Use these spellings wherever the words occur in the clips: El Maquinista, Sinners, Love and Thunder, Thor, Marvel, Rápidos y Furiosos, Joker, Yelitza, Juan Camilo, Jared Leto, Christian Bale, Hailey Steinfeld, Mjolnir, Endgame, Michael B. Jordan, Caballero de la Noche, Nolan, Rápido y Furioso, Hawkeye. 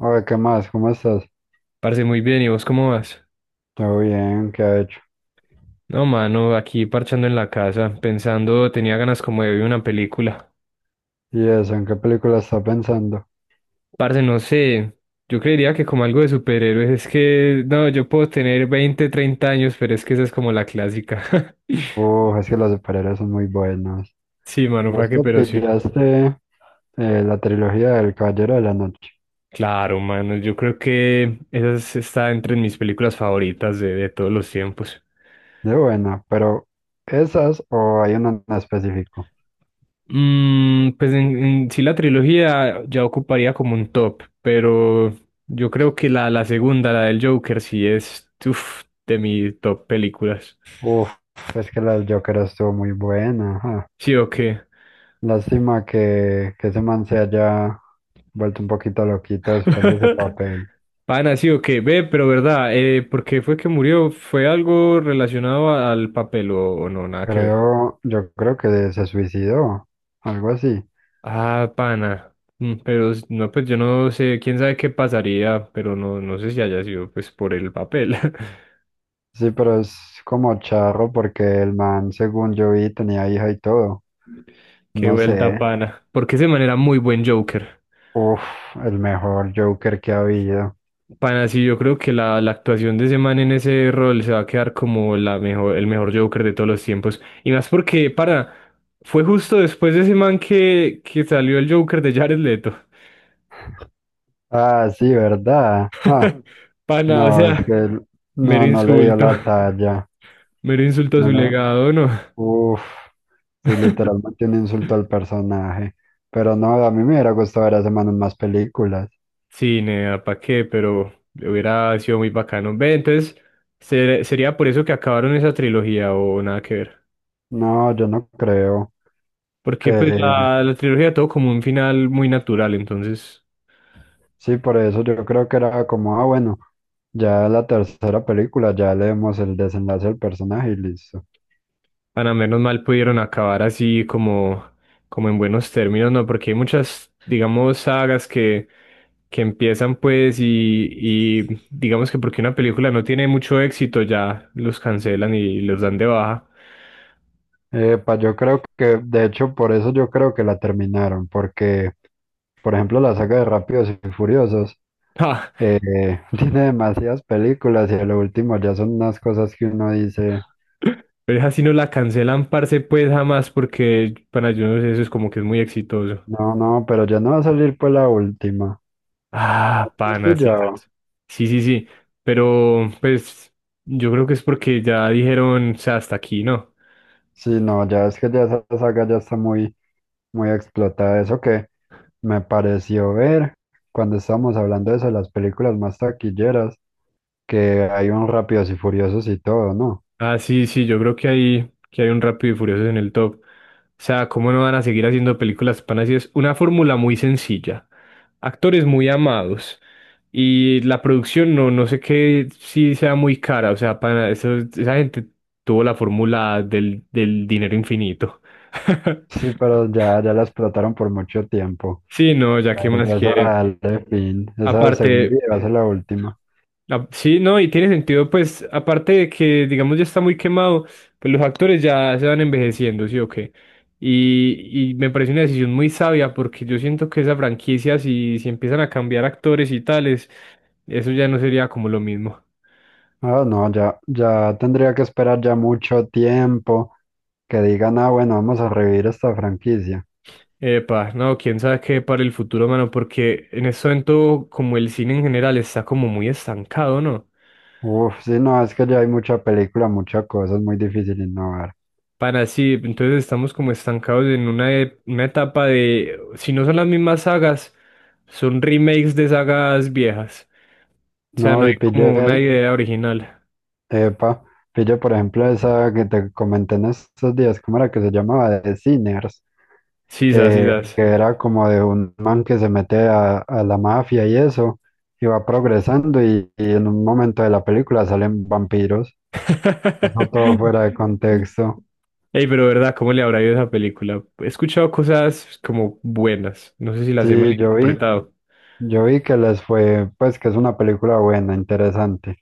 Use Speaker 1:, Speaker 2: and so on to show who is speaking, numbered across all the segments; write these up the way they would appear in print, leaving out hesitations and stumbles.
Speaker 1: Oye, ¿qué más? ¿Cómo estás?
Speaker 2: Parce, muy bien, ¿y vos cómo vas?
Speaker 1: Todo bien, ¿qué ha hecho?
Speaker 2: No, mano, aquí parchando en la casa, pensando, tenía ganas como de ver una película.
Speaker 1: ¿Y eso? ¿En qué película está pensando?
Speaker 2: Parce, no sé, yo creería que como algo de superhéroes, es que, no, yo puedo tener 20 30 años, pero es que esa es como la clásica.
Speaker 1: Es que los superhéroes son muy buenos.
Speaker 2: Sí, mano, para
Speaker 1: Vos
Speaker 2: qué,
Speaker 1: te
Speaker 2: pero sí.
Speaker 1: pillaste la trilogía del Caballero de la Noche.
Speaker 2: Claro, mano, yo creo que está entre mis películas favoritas de todos los tiempos.
Speaker 1: De buena, pero ¿esas o hay una en específico?
Speaker 2: Mm, pues en sí la trilogía ya ocuparía como un top, pero yo creo que la segunda, la del Joker, sí es uf, de mis top películas.
Speaker 1: Uf, es que la del Joker estuvo muy buena. Ajá.
Speaker 2: ¿Sí o qué?
Speaker 1: Lástima que ese man se haya vuelto un poquito loquito después de ese papel.
Speaker 2: Pana, sí o qué, ve, pero verdad, ¿por qué fue que murió? ¿Fue algo relacionado al papel o no? Nada que ver.
Speaker 1: Yo creo que se suicidó, algo así.
Speaker 2: Ah, pana. Mm, pero no, pues yo no sé, quién sabe qué pasaría, pero no, no sé si haya sido pues por el papel.
Speaker 1: Sí, pero es como charro porque el man, según yo vi, tenía hija y todo.
Speaker 2: Qué
Speaker 1: No sé.
Speaker 2: vuelta, pana. Porque ese man era muy buen Joker.
Speaker 1: Uf, el mejor Joker que ha habido.
Speaker 2: Pana, sí, yo creo que la actuación de ese man en ese rol se va a quedar como la mejor, el mejor Joker de todos los tiempos. Y más porque, para, fue justo después de ese man que salió el Joker de Jared Leto.
Speaker 1: Ah, sí, ¿verdad? Ah,
Speaker 2: Pana, o
Speaker 1: no, es claro que
Speaker 2: sea, mero
Speaker 1: no, no le dio
Speaker 2: insulto.
Speaker 1: la talla.
Speaker 2: Mero insulto a su
Speaker 1: Mira,
Speaker 2: legado, ¿no?
Speaker 1: uf, sí, literalmente un insulto al personaje. Pero no, a mí me hubiera gustado ver a ese man en más películas.
Speaker 2: Sí, nea, ¿pa' qué? Pero hubiera sido muy bacano. Ve, entonces, ¿sería por eso que acabaron esa trilogía o nada que ver?
Speaker 1: No, yo no creo.
Speaker 2: Porque pues
Speaker 1: Eh,
Speaker 2: la trilogía tuvo como un final muy natural, entonces,
Speaker 1: sí, por eso yo creo que era como, ah, bueno. Ya la tercera película, ya leemos el desenlace del personaje y listo.
Speaker 2: para menos mal pudieron acabar así como, como en buenos términos, ¿no? Porque hay muchas, digamos, sagas que empiezan pues y digamos que porque una película no tiene mucho éxito ya los cancelan y los dan de baja.
Speaker 1: Epa, yo creo que, de hecho, por eso yo creo que la terminaron, porque, por ejemplo, la saga de Rápidos y Furiosos
Speaker 2: Ah,
Speaker 1: eh, tiene demasiadas películas y lo último ya son unas cosas que uno dice,
Speaker 2: pero esa sí no la cancelan, parce, pues jamás, porque para yo no sé, eso es como que es muy exitoso.
Speaker 1: no, no, pero ya no va a salir pues la última.
Speaker 2: Ah,
Speaker 1: ¿Has
Speaker 2: pana, sí,
Speaker 1: pillado?
Speaker 2: sabes. Sí, sí, sí. Pero, pues, yo creo que es porque ya dijeron, o sea, hasta aquí, ¿no?
Speaker 1: Sí, no, ya es que ya esa saga ya está muy, muy explotada. Eso que me pareció ver cuando estábamos hablando de eso, de las películas más taquilleras, que hay un Rápidos y Furiosos y todo, ¿no?
Speaker 2: Ah, sí, sí, yo creo que hay un Rápido y Furioso en el top. O sea, ¿cómo no van a seguir haciendo películas panas? Y es una fórmula muy sencilla. Actores muy amados. Y la producción, no, no sé qué, si sea muy cara. O sea, pana, esa gente tuvo la fórmula del dinero infinito.
Speaker 1: Sí, pero ya, ya la explotaron por mucho tiempo.
Speaker 2: Sí, no, ya
Speaker 1: Ya,
Speaker 2: qué más
Speaker 1: ya es
Speaker 2: quiere.
Speaker 1: hora de darle fin. Esa,
Speaker 2: Aparte.
Speaker 1: según vi, va a ser la última.
Speaker 2: Ah, sí, no, y tiene sentido, pues, aparte de que, digamos, ya está muy quemado, pues los actores ya se van envejeciendo, ¿sí o qué? Y me parece una decisión muy sabia porque yo siento que esa franquicia, si, si empiezan a cambiar actores y tales, eso ya no sería como lo mismo.
Speaker 1: Ah, no, ya, ya tendría que esperar ya mucho tiempo que digan, ah, bueno, vamos a revivir esta franquicia.
Speaker 2: Epa, no, quién sabe qué para el futuro, mano, porque en este momento, como el cine en general está como muy estancado, ¿no?
Speaker 1: Uf, sí, no, es que ya hay mucha película, mucha cosa, es muy difícil innovar.
Speaker 2: Para sí, entonces estamos como estancados en una, una etapa de, si no son las mismas sagas, son remakes de sagas viejas. O
Speaker 1: No,
Speaker 2: sea, no hay
Speaker 1: y
Speaker 2: como
Speaker 1: pille,
Speaker 2: una idea original.
Speaker 1: epa, pille, por ejemplo, esa que te comenté en estos días, ¿cómo era que se llamaba? De Sinners.
Speaker 2: Sisas,
Speaker 1: eh,
Speaker 2: sisas.
Speaker 1: que era como de un man que se mete a la mafia y eso, y va progresando y en un momento de la película salen vampiros. Eso todo fuera de contexto.
Speaker 2: Ey, pero verdad, ¿cómo le habrá ido a esa película? He escuchado cosas como buenas. No sé si las he
Speaker 1: Sí, yo vi,
Speaker 2: malinterpretado.
Speaker 1: yo vi que les fue, pues que es una película buena, interesante.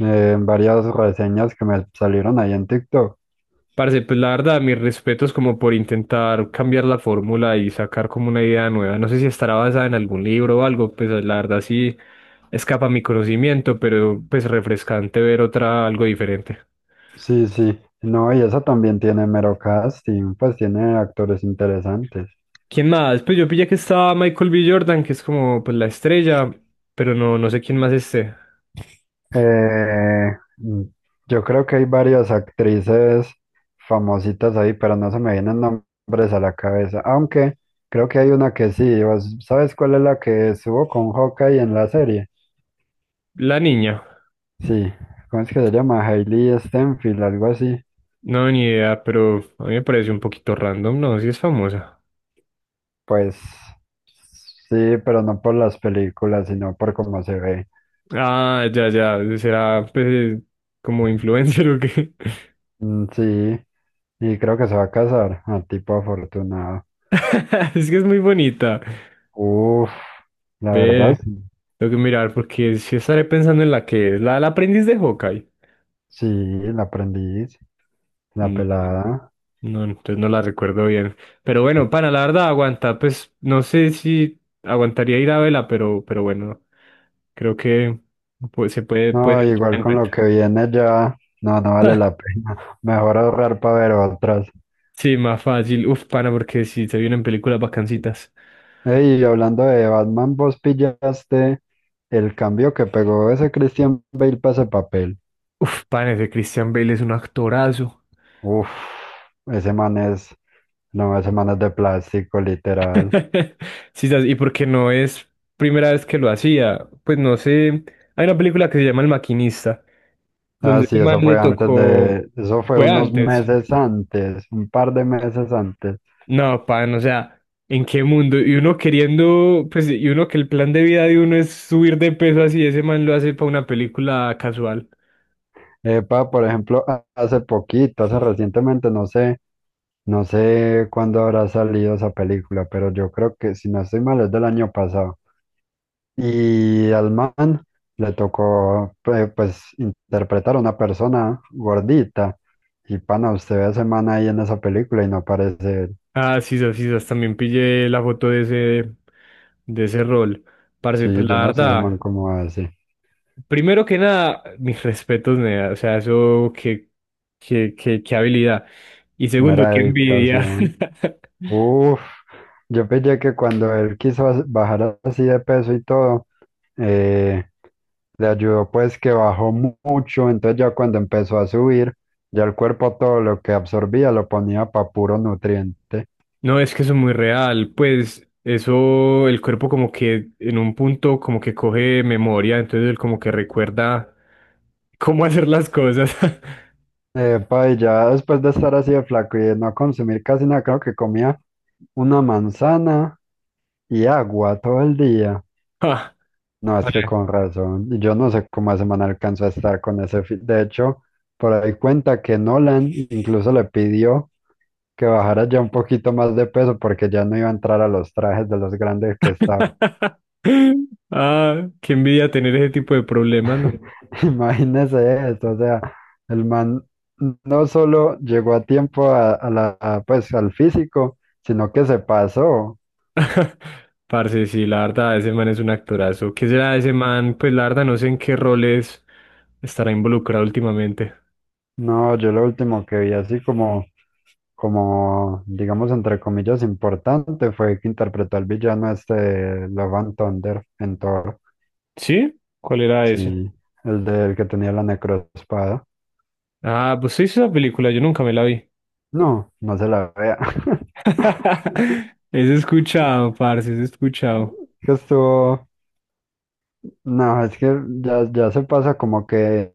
Speaker 1: Varias reseñas que me salieron ahí en TikTok.
Speaker 2: Parce, pues la verdad, mis respetos como por intentar cambiar la fórmula y sacar como una idea nueva. No sé si estará basada en algún libro o algo, pues la verdad sí escapa a mi conocimiento, pero pues refrescante ver otra, algo diferente.
Speaker 1: Sí, sí. No, y esa también tiene mero casting, pues tiene actores interesantes.
Speaker 2: ¿Quién más? Pues yo pillé que estaba Michael B. Jordan, que es como pues la estrella, pero no, no sé quién más esté.
Speaker 1: Eh, mm, yo creo que hay varias actrices famositas ahí, pero no se me vienen nombres a la cabeza. Aunque creo que hay una que sí. ¿Vos ¿Sabes cuál es la que estuvo con Hawkeye en la serie?
Speaker 2: La niña,
Speaker 1: Sí. ¿Cómo es que se llama? Hailey Steinfeld, algo así.
Speaker 2: no, ni idea, pero a mí me parece un poquito random, no, sí es famosa.
Speaker 1: Pues sí, pero no por las películas, sino por cómo se ve.
Speaker 2: Ah, ya, ya, será pues como influencer o qué.
Speaker 1: Mm, sí. Y creo que se va a casar. A tipo afortunado.
Speaker 2: Es que es muy bonita.
Speaker 1: Uf, la verdad,
Speaker 2: Ve,
Speaker 1: sí,
Speaker 2: tengo que mirar porque si estaré pensando en la que es, la del aprendiz de Hawkeye.
Speaker 1: sí, la aprendí. La
Speaker 2: Mm,
Speaker 1: pelada.
Speaker 2: no, entonces no la recuerdo bien. Pero bueno, pana la verdad aguanta. Pues no sé si aguantaría ir a vela, pero bueno, creo que pues, se puede,
Speaker 1: No,
Speaker 2: puede tomar
Speaker 1: igual
Speaker 2: en
Speaker 1: con lo
Speaker 2: cuenta.
Speaker 1: que viene ya, no, no vale la pena. Mejor ahorrar para ver otras.
Speaker 2: Sí, más fácil. Uf, pana, porque si se vienen películas bacancitas.
Speaker 1: Ey, y hablando de Batman, vos pillaste el cambio que pegó ese Christian Bale para ese papel.
Speaker 2: Uf, pana, ese Christian Bale es un actorazo.
Speaker 1: Uf, ese man es, no, ese man es de plástico, literal.
Speaker 2: Sí, ¿sabes? Y porque no es primera vez que lo hacía, pues no sé, hay una película que se llama El Maquinista,
Speaker 1: Ah,
Speaker 2: donde
Speaker 1: sí,
Speaker 2: ese man
Speaker 1: eso
Speaker 2: le
Speaker 1: fue antes
Speaker 2: tocó,
Speaker 1: de, eso fue
Speaker 2: fue
Speaker 1: unos
Speaker 2: antes,
Speaker 1: meses antes, un par de meses antes.
Speaker 2: no, pan, o sea, ¿en qué mundo? Y uno queriendo, pues, y uno que el plan de vida de uno es subir de peso así, ese man lo hace para una película casual.
Speaker 1: Epa, por ejemplo, hace poquito, hace recientemente, no sé. No sé cuándo habrá salido esa película, pero yo creo que, si no estoy mal, es del año pasado. Y al man le tocó, pues, interpretar a una persona gordita. Y pana, usted ve a ese man ahí en esa película y no parece él.
Speaker 2: Ah, sí, sí, sí, también pillé la foto de ese rol. Parce,
Speaker 1: Sí,
Speaker 2: pues
Speaker 1: yo
Speaker 2: la
Speaker 1: no sé ese man
Speaker 2: verdad,
Speaker 1: cómo hace.
Speaker 2: primero que nada, mis respetos, nea, o sea, eso, qué habilidad. Y segundo,
Speaker 1: Mera
Speaker 2: qué envidia.
Speaker 1: dedicación. Uf, yo pensé que cuando él quiso bajar así de peso y todo, eh, le ayudó pues que bajó mucho, entonces ya cuando empezó a subir, ya el cuerpo todo lo que absorbía lo ponía para puro nutriente.
Speaker 2: No, es que eso es muy real, pues eso, el cuerpo como que en un punto como que coge memoria, entonces él como que recuerda cómo hacer las cosas.
Speaker 1: Epa, y ya después de estar así de flaco y de no consumir casi nada, creo que comía una manzana y agua todo el día.
Speaker 2: Ah,
Speaker 1: No, es que
Speaker 2: vale.
Speaker 1: con razón. Y yo no sé cómo esa man alcanzó a estar con ese fit. De hecho, por ahí cuenta que Nolan incluso le pidió que bajara ya un poquito más de peso porque ya no iba a entrar a los trajes de los grandes que estaba.
Speaker 2: Ah, qué envidia tener ese tipo de problemas, ¿no?
Speaker 1: Imagínese esto, o sea, el man no solo llegó a tiempo a la, a, pues, al físico, sino que se pasó.
Speaker 2: Parce, sí, la verdad, ese man es un actorazo. ¿Qué será de ese man? Pues la verdad, no sé en qué roles estará involucrado últimamente.
Speaker 1: No, yo lo último que vi así como, como, digamos, entre comillas, importante fue que interpretó al villano este Love and Thunder en Thor,
Speaker 2: ¿Sí? ¿Cuál era ese?
Speaker 1: sí, el del que tenía la necroespada.
Speaker 2: Ah, pues sí, esa película, yo nunca me la vi.
Speaker 1: No, no se la vea.
Speaker 2: Es escuchado, parce, es escuchado.
Speaker 1: Que estuvo, no, es que ya, ya se pasa como que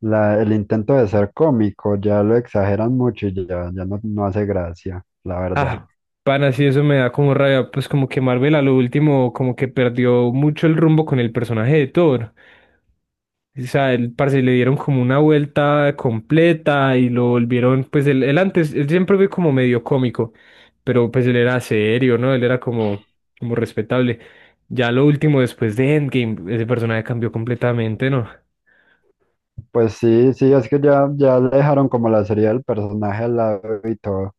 Speaker 1: la, el intento de ser cómico ya lo exageran mucho y ya, ya no, no hace gracia, la
Speaker 2: Ah,
Speaker 1: verdad.
Speaker 2: pana, sí, eso me da como rabia, pues como que Marvel a lo último como que perdió mucho el rumbo con el personaje de Thor. O sea, el parce le dieron como una vuelta completa y lo volvieron, pues él antes, él siempre fue como medio cómico, pero pues él era serio, ¿no? Él era como, como respetable. Ya lo último, después de Endgame, ese personaje cambió completamente, ¿no?
Speaker 1: Pues sí, sí, es que ya, ya le dejaron como la serie del personaje al lado y todo.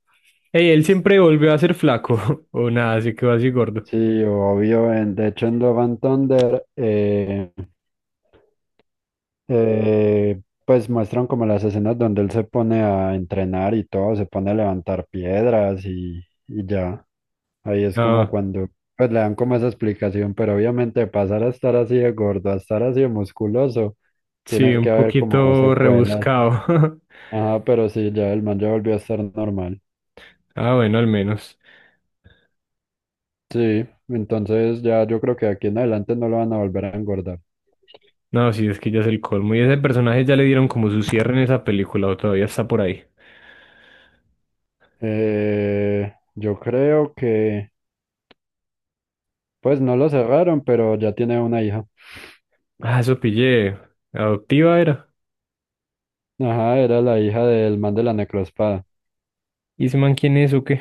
Speaker 2: Ey, él siempre volvió a ser flaco, o nada, se quedó así gordo.
Speaker 1: Sí, obvio. De hecho, en Love and Thunder, pues muestran como las escenas donde él se pone a entrenar y todo, se pone a levantar piedras y ya. Ahí es como
Speaker 2: No.
Speaker 1: cuando pues, le dan como esa explicación, pero obviamente pasar a estar así de gordo, a estar así de musculoso,
Speaker 2: Sí,
Speaker 1: tiene que
Speaker 2: un
Speaker 1: haber como
Speaker 2: poquito
Speaker 1: secuelas.
Speaker 2: rebuscado.
Speaker 1: Ajá, pero sí, ya el man ya volvió a estar normal.
Speaker 2: Ah, bueno, al menos.
Speaker 1: Sí, entonces ya yo creo que de aquí en adelante no lo van a volver a engordar.
Speaker 2: No, sí, es que ya es el colmo. Y ese personaje ya le dieron como su cierre en esa película o todavía está por ahí.
Speaker 1: Yo creo que, pues no lo cerraron, pero ya tiene una hija.
Speaker 2: Ah, eso pillé. Adoptiva era.
Speaker 1: Ajá, era la hija del man de la necroespada.
Speaker 2: ¿Y ese man quién es o qué?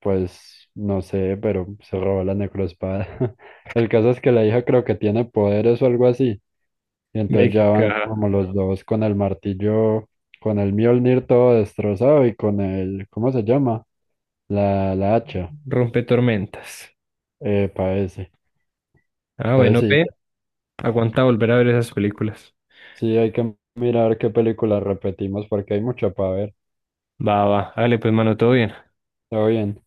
Speaker 1: Pues no sé, pero se robó la necroespada. El caso es que la hija creo que tiene poderes o algo así. Y entonces ya van
Speaker 2: México.
Speaker 1: como los dos con el martillo, con el Mjolnir todo destrozado y con el, ¿cómo se llama? La hacha.
Speaker 2: Rompe tormentas.
Speaker 1: Eh, Ese.
Speaker 2: Ah, bueno,
Speaker 1: Entonces
Speaker 2: ve.
Speaker 1: sí,
Speaker 2: Aguanta volver a ver esas películas.
Speaker 1: sí hay que mirar qué película repetimos porque hay mucho para ver.
Speaker 2: Va, va. Dale, pues, mano, todo bien.
Speaker 1: Todo bien.